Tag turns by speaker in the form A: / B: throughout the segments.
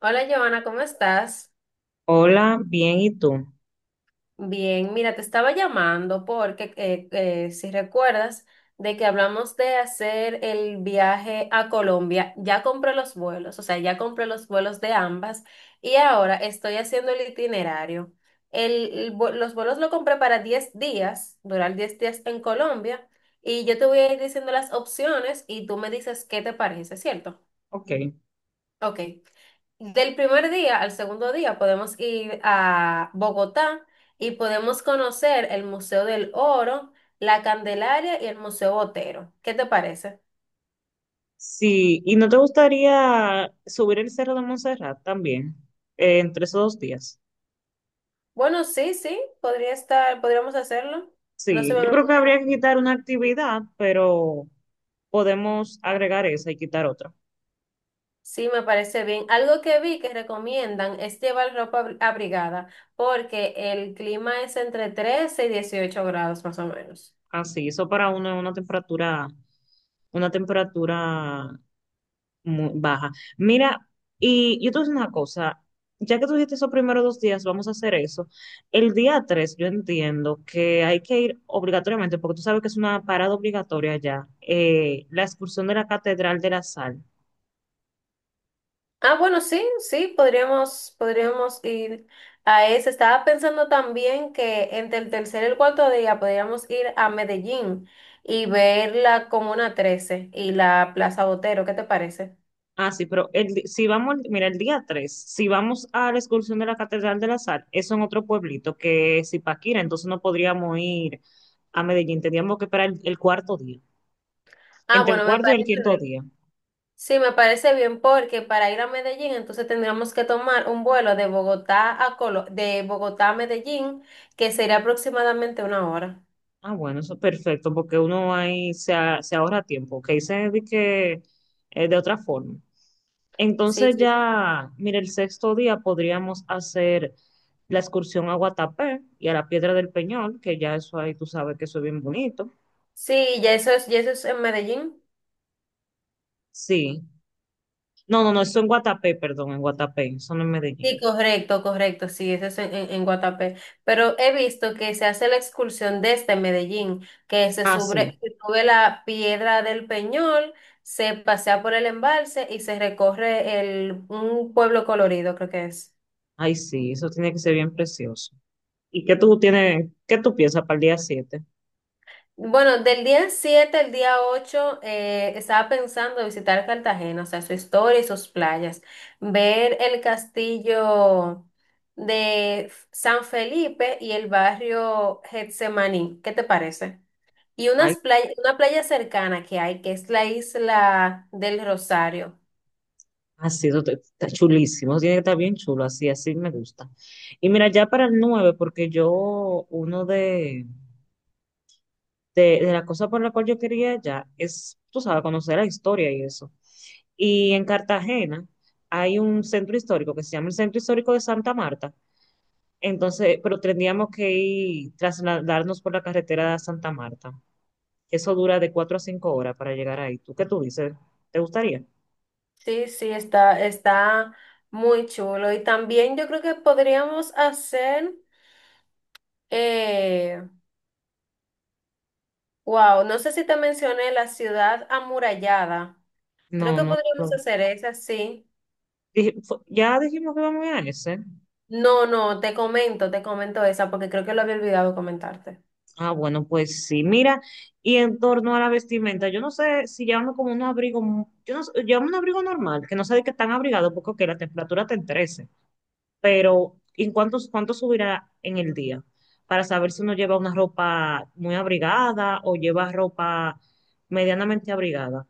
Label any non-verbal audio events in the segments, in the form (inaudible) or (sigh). A: Hola Joana, ¿cómo estás?
B: Hola, bien, ¿y tú?
A: Bien, mira, te estaba llamando porque si recuerdas de que hablamos de hacer el viaje a Colombia, ya compré los vuelos, o sea, ya compré los vuelos de ambas y ahora estoy haciendo el itinerario. Los vuelos lo compré para 10 días, durar 10 días en Colombia y yo te voy a ir diciendo las opciones y tú me dices qué te parece, ¿cierto?
B: Ok.
A: Ok. Del primer día al segundo día podemos ir a Bogotá y podemos conocer el Museo del Oro, la Candelaria y el Museo Botero. ¿Qué te parece?
B: Sí, ¿y no te gustaría subir el Cerro de Montserrat también entre esos 2 días?
A: Bueno, sí, sí, podría estar, podríamos hacerlo. No se
B: Sí,
A: me
B: yo
A: había
B: creo que
A: ocurrido.
B: habría que quitar una actividad, pero podemos agregar esa y quitar otra.
A: Sí, me parece bien. Algo que vi que recomiendan es llevar abrigada porque el clima es entre 13 y 18 grados más o menos.
B: Así, eso para uno es una temperatura muy baja. Mira, y yo te voy a decir una cosa, ya que tú dijiste esos primeros 2 días, vamos a hacer eso. El día 3, yo entiendo que hay que ir obligatoriamente, porque tú sabes que es una parada obligatoria ya, la excursión de la Catedral de la Sal.
A: Ah, bueno, sí, sí, podríamos ir a ese. Estaba pensando también que entre el tercer y el cuarto día podríamos ir a Medellín y ver la Comuna 13 y la Plaza Botero. ¿Qué te parece?
B: Ah, sí, pero si vamos, mira, el día 3 si vamos a la excursión de la Catedral de la Sal, eso en otro pueblito que es Ipaquira, entonces no podríamos ir a Medellín, tendríamos que esperar el cuarto día,
A: Ah,
B: entre el
A: bueno, me
B: cuarto y el
A: parece
B: quinto
A: bien.
B: día.
A: Sí, me parece bien porque para ir a Medellín entonces tendríamos que tomar un vuelo de de Bogotá a Medellín, que sería aproximadamente una hora.
B: Ah, bueno, eso es perfecto, porque uno ahí se ahorra tiempo, que dice de que de otra forma.
A: Sí,
B: Entonces
A: sí.
B: ya, mira, el sexto día podríamos hacer la excursión a Guatapé y a la Piedra del Peñol, que ya eso ahí tú sabes que eso es bien bonito.
A: Sí, ya eso es en Medellín.
B: Sí. No, no, no, eso en Guatapé, perdón, en Guatapé, eso no en Medellín.
A: Sí, correcto, correcto, sí, eso es en, en Guatapé. Pero he visto que se hace la excursión desde Medellín, que
B: Ah, sí,
A: se sube la piedra del Peñol, se pasea por el embalse y se recorre el, un pueblo colorido, creo que es.
B: ay, sí, eso tiene que ser bien precioso. ¿Y qué tú tienes, qué tú piensas para el día 7?
A: Bueno, del día 7 al día 8 estaba pensando visitar Cartagena, o sea, su historia y sus playas, ver el castillo de San Felipe y el barrio Getsemaní. ¿Qué te parece? Y una playa cercana que hay, que es la isla del Rosario.
B: Así, está chulísimo, eso tiene que estar bien chulo, así, así me gusta. Y mira, ya para el 9 porque yo, uno de las cosas por la cual yo quería ya es, tú sabes, conocer la historia y eso. Y en Cartagena hay un centro histórico que se llama el Centro Histórico de Santa Marta. Entonces, pero tendríamos que ir, trasladarnos por la carretera de Santa Marta. Eso dura de 4 a 5 horas para llegar ahí. ¿Tú qué tú dices? ¿Te gustaría?
A: Sí, sí, está, está muy chulo. Y también yo creo que podríamos hacer... eh, Wow, no sé si te mencioné la ciudad amurallada. Creo
B: No,
A: que
B: no,
A: podríamos
B: no.
A: hacer esa, sí.
B: Ya dijimos que vamos a ir a ese.
A: No, no, te comento esa porque creo que lo había olvidado comentarte.
B: Ah, bueno, pues sí, mira, y en torno a la vestimenta, yo no sé si llevamos como un abrigo, yo no sé, llevamos un abrigo normal, que no sé de qué tan abrigado, porque ok, la temperatura te en 13, pero ¿en cuánto subirá en el día? Para saber si uno lleva una ropa muy abrigada o lleva ropa medianamente abrigada.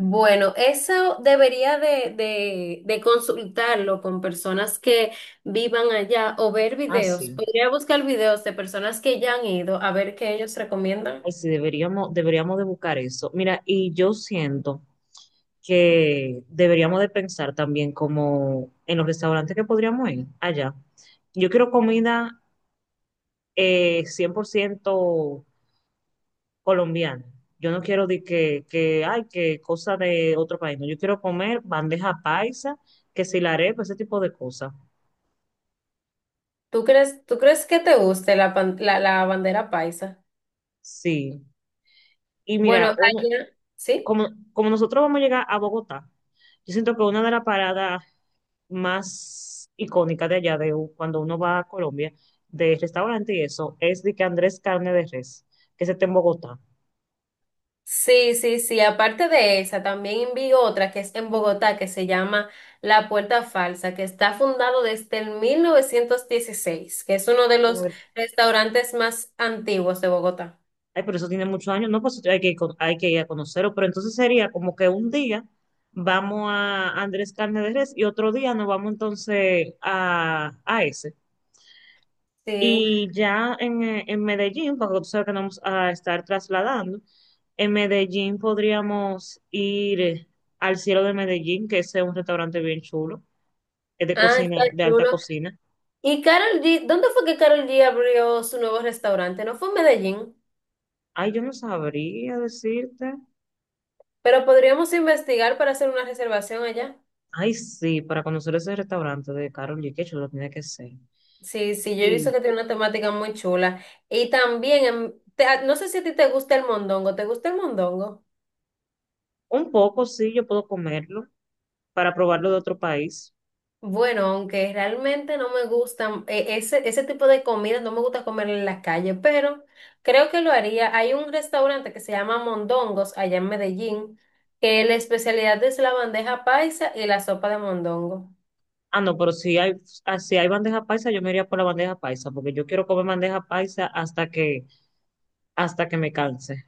A: Bueno, eso debería de consultarlo con personas que vivan allá o ver
B: Ah,
A: videos.
B: sí,
A: Podría buscar videos de personas que ya han ido a ver qué ellos recomiendan.
B: ay, sí, deberíamos de buscar eso. Mira, y yo siento que deberíamos de pensar también como en los restaurantes que podríamos ir allá. Yo quiero comida 100% colombiana. Yo no quiero de que, ay, que cosa de otro país. No, yo quiero comer bandeja paisa, que si la arepa, ese tipo de cosas.
A: Tú crees que te guste la bandera paisa?
B: Sí. Y
A: Bueno,
B: mira, uno,
A: allá, ¿sí?
B: como nosotros vamos a llegar a Bogotá, yo siento que una de las paradas más icónica de allá, cuando uno va a Colombia, de restaurante y eso, es de que Andrés Carne de Res, que ese está en Bogotá.
A: Sí, sí, sí. Aparte de esa, también vi otra que es en Bogotá, que se llama La Puerta Falsa, que está fundado desde el 1916 que es uno de los restaurantes más antiguos de Bogotá.
B: Ay, pero eso tiene muchos años, no, pues hay hay que ir a conocerlo, pero entonces sería como que un día vamos a Andrés Carne de Res y otro día nos vamos entonces a ese.
A: Sí.
B: Y ya en Medellín, porque tú sabes que nos vamos a estar trasladando, en Medellín podríamos ir al Cielo de Medellín, que ese es un restaurante bien chulo. Es de
A: Ah, está
B: cocina, de alta
A: chulo.
B: cocina.
A: Y Carol G, ¿dónde fue que Carol G abrió su nuevo restaurante? No fue en Medellín,
B: Ay, yo no sabría decirte.
A: pero podríamos investigar para hacer una reservación allá.
B: Ay, sí, para conocer ese restaurante de Carol G, que yo lo tiene que ser.
A: Sí, sí, yo he
B: Y
A: visto que tiene una temática muy chula. Y también, no sé si a ti te gusta el mondongo, ¿te gusta el mondongo?
B: un poco, sí, yo puedo comerlo para probarlo de otro país.
A: Bueno, aunque realmente no me gustan, ese tipo de comida no me gusta comer en la calle, pero creo que lo haría. Hay un restaurante que se llama Mondongos allá en Medellín, que la especialidad es la bandeja paisa y la sopa de mondongo.
B: Ah, no, pero si hay, si hay bandeja paisa, yo me iría por la bandeja paisa, porque yo quiero comer bandeja paisa hasta que me canse.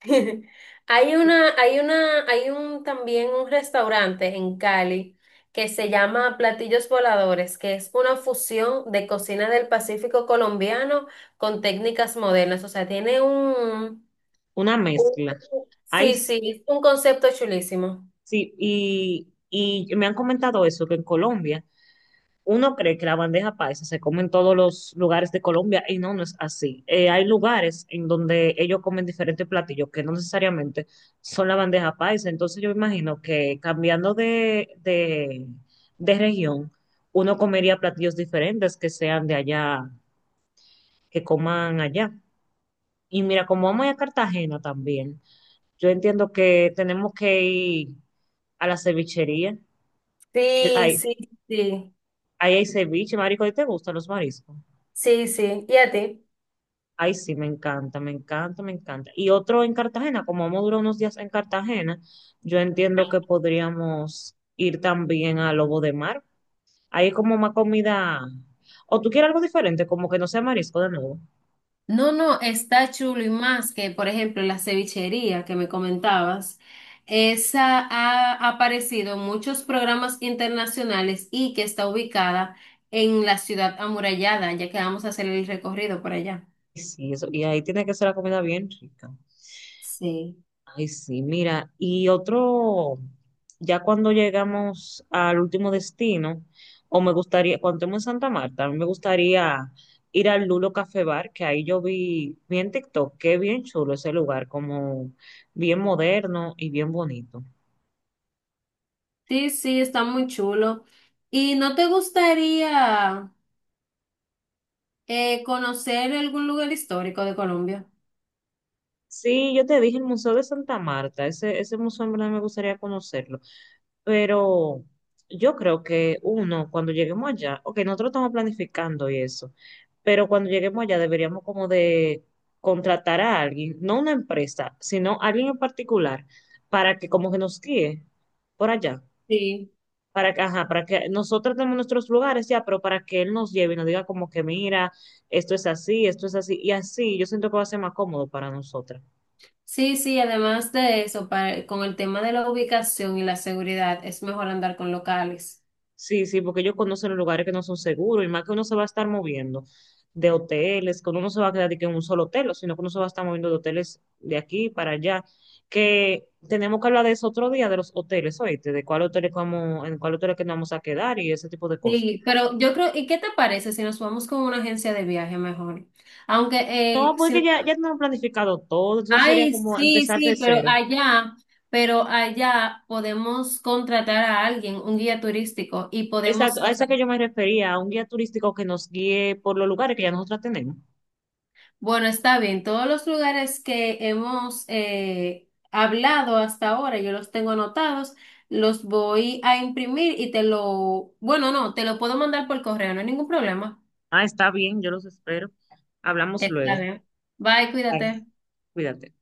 A: (laughs) Hay
B: Y
A: una, hay una, hay un también un restaurante en Cali que se llama Platillos Voladores, que es una fusión de cocina del Pacífico colombiano con técnicas modernas. O sea, tiene un
B: una
A: Uh,
B: mezcla. Ay,
A: sí, sí, es un concepto chulísimo.
B: sí, y me han comentado eso, que en Colombia uno cree que la bandeja paisa se come en todos los lugares de Colombia y no, no es así. Hay lugares en donde ellos comen diferentes platillos que no necesariamente son la bandeja paisa. Entonces yo me imagino que cambiando de región, uno comería platillos diferentes que sean de allá, que coman allá. Y mira, como vamos a ir a Cartagena también, yo entiendo que tenemos que ir a la cevichería, que
A: Sí,
B: hay,
A: sí, sí,
B: ahí hay ceviche, marico, ¿y te gustan los mariscos?
A: sí, sí. ¿Y a ti?
B: Ay, sí, me encanta, me encanta, me encanta. Y otro en Cartagena, como vamos a durar unos días en Cartagena, yo entiendo que podríamos ir también a Lobo de Mar. Ahí es como más comida. O tú quieres algo diferente, como que no sea marisco de nuevo.
A: No, no, está chulo y más que, por ejemplo, la cevichería que me comentabas. Esa ha aparecido en muchos programas internacionales y que está ubicada en la ciudad amurallada, ya que vamos a hacer el recorrido por allá.
B: Y sí, eso. Y ahí tiene que ser la comida bien rica.
A: Sí,
B: Ay, sí, mira, y otro, ya cuando llegamos al último destino, o me gustaría, cuando estemos en Santa Marta, a mí me gustaría ir al Lulo Café Bar, que ahí yo vi en TikTok, que bien chulo ese lugar, como bien moderno y bien bonito.
A: sí, sí, está muy chulo. ¿Y no te gustaría conocer algún lugar histórico de Colombia?
B: Sí, yo te dije el Museo de Santa Marta, ese museo en verdad me gustaría conocerlo. Pero yo creo que uno, cuando lleguemos allá, ok, nosotros estamos planificando y eso, pero cuando lleguemos allá deberíamos como de contratar a alguien, no una empresa, sino alguien en particular, para que como que nos guíe por allá,
A: Sí,
B: para que, ajá, para que nosotros tenemos nuestros lugares ya, pero para que él nos lleve y nos diga como que mira, esto es así, y así yo siento que va a ser más cómodo para nosotras.
A: sí, sí, además de eso, para- con el tema de la ubicación y la seguridad, es mejor andar con locales.
B: Sí, sí, porque ellos conocen los lugares que no son seguros y más que uno se va a estar moviendo de hoteles, que uno no se va a quedar de que en un solo hotel, o sino que uno se va a estar moviendo de hoteles de aquí para allá. Que tenemos que hablar de eso otro día, de los hoteles, oíste, de cuál hotel es que vamos, en cuál hotel es que nos vamos a quedar y ese tipo de cosas.
A: Sí, pero yo creo, ¿y qué te parece si nos vamos con una agencia de viaje mejor? Aunque,
B: No, porque
A: no,
B: ya tenemos planificado todo, entonces sería
A: ay,
B: como
A: sí,
B: empezar de
A: sí,
B: cero.
A: pero allá podemos contratar a alguien, un guía turístico, y podemos,
B: Exacto, a
A: o sea,
B: eso que yo me refería, a un guía turístico que nos guíe por los lugares que ya nosotros tenemos.
A: bueno, está bien. Todos los lugares que hemos hablado hasta ahora, yo los tengo anotados, los voy a imprimir y te lo, bueno, no, te lo puedo mandar por correo, no hay ningún problema.
B: Ah, está bien, yo los espero. Hablamos
A: Está
B: luego.
A: bien. Bye,
B: Bye,
A: cuídate.
B: cuídate.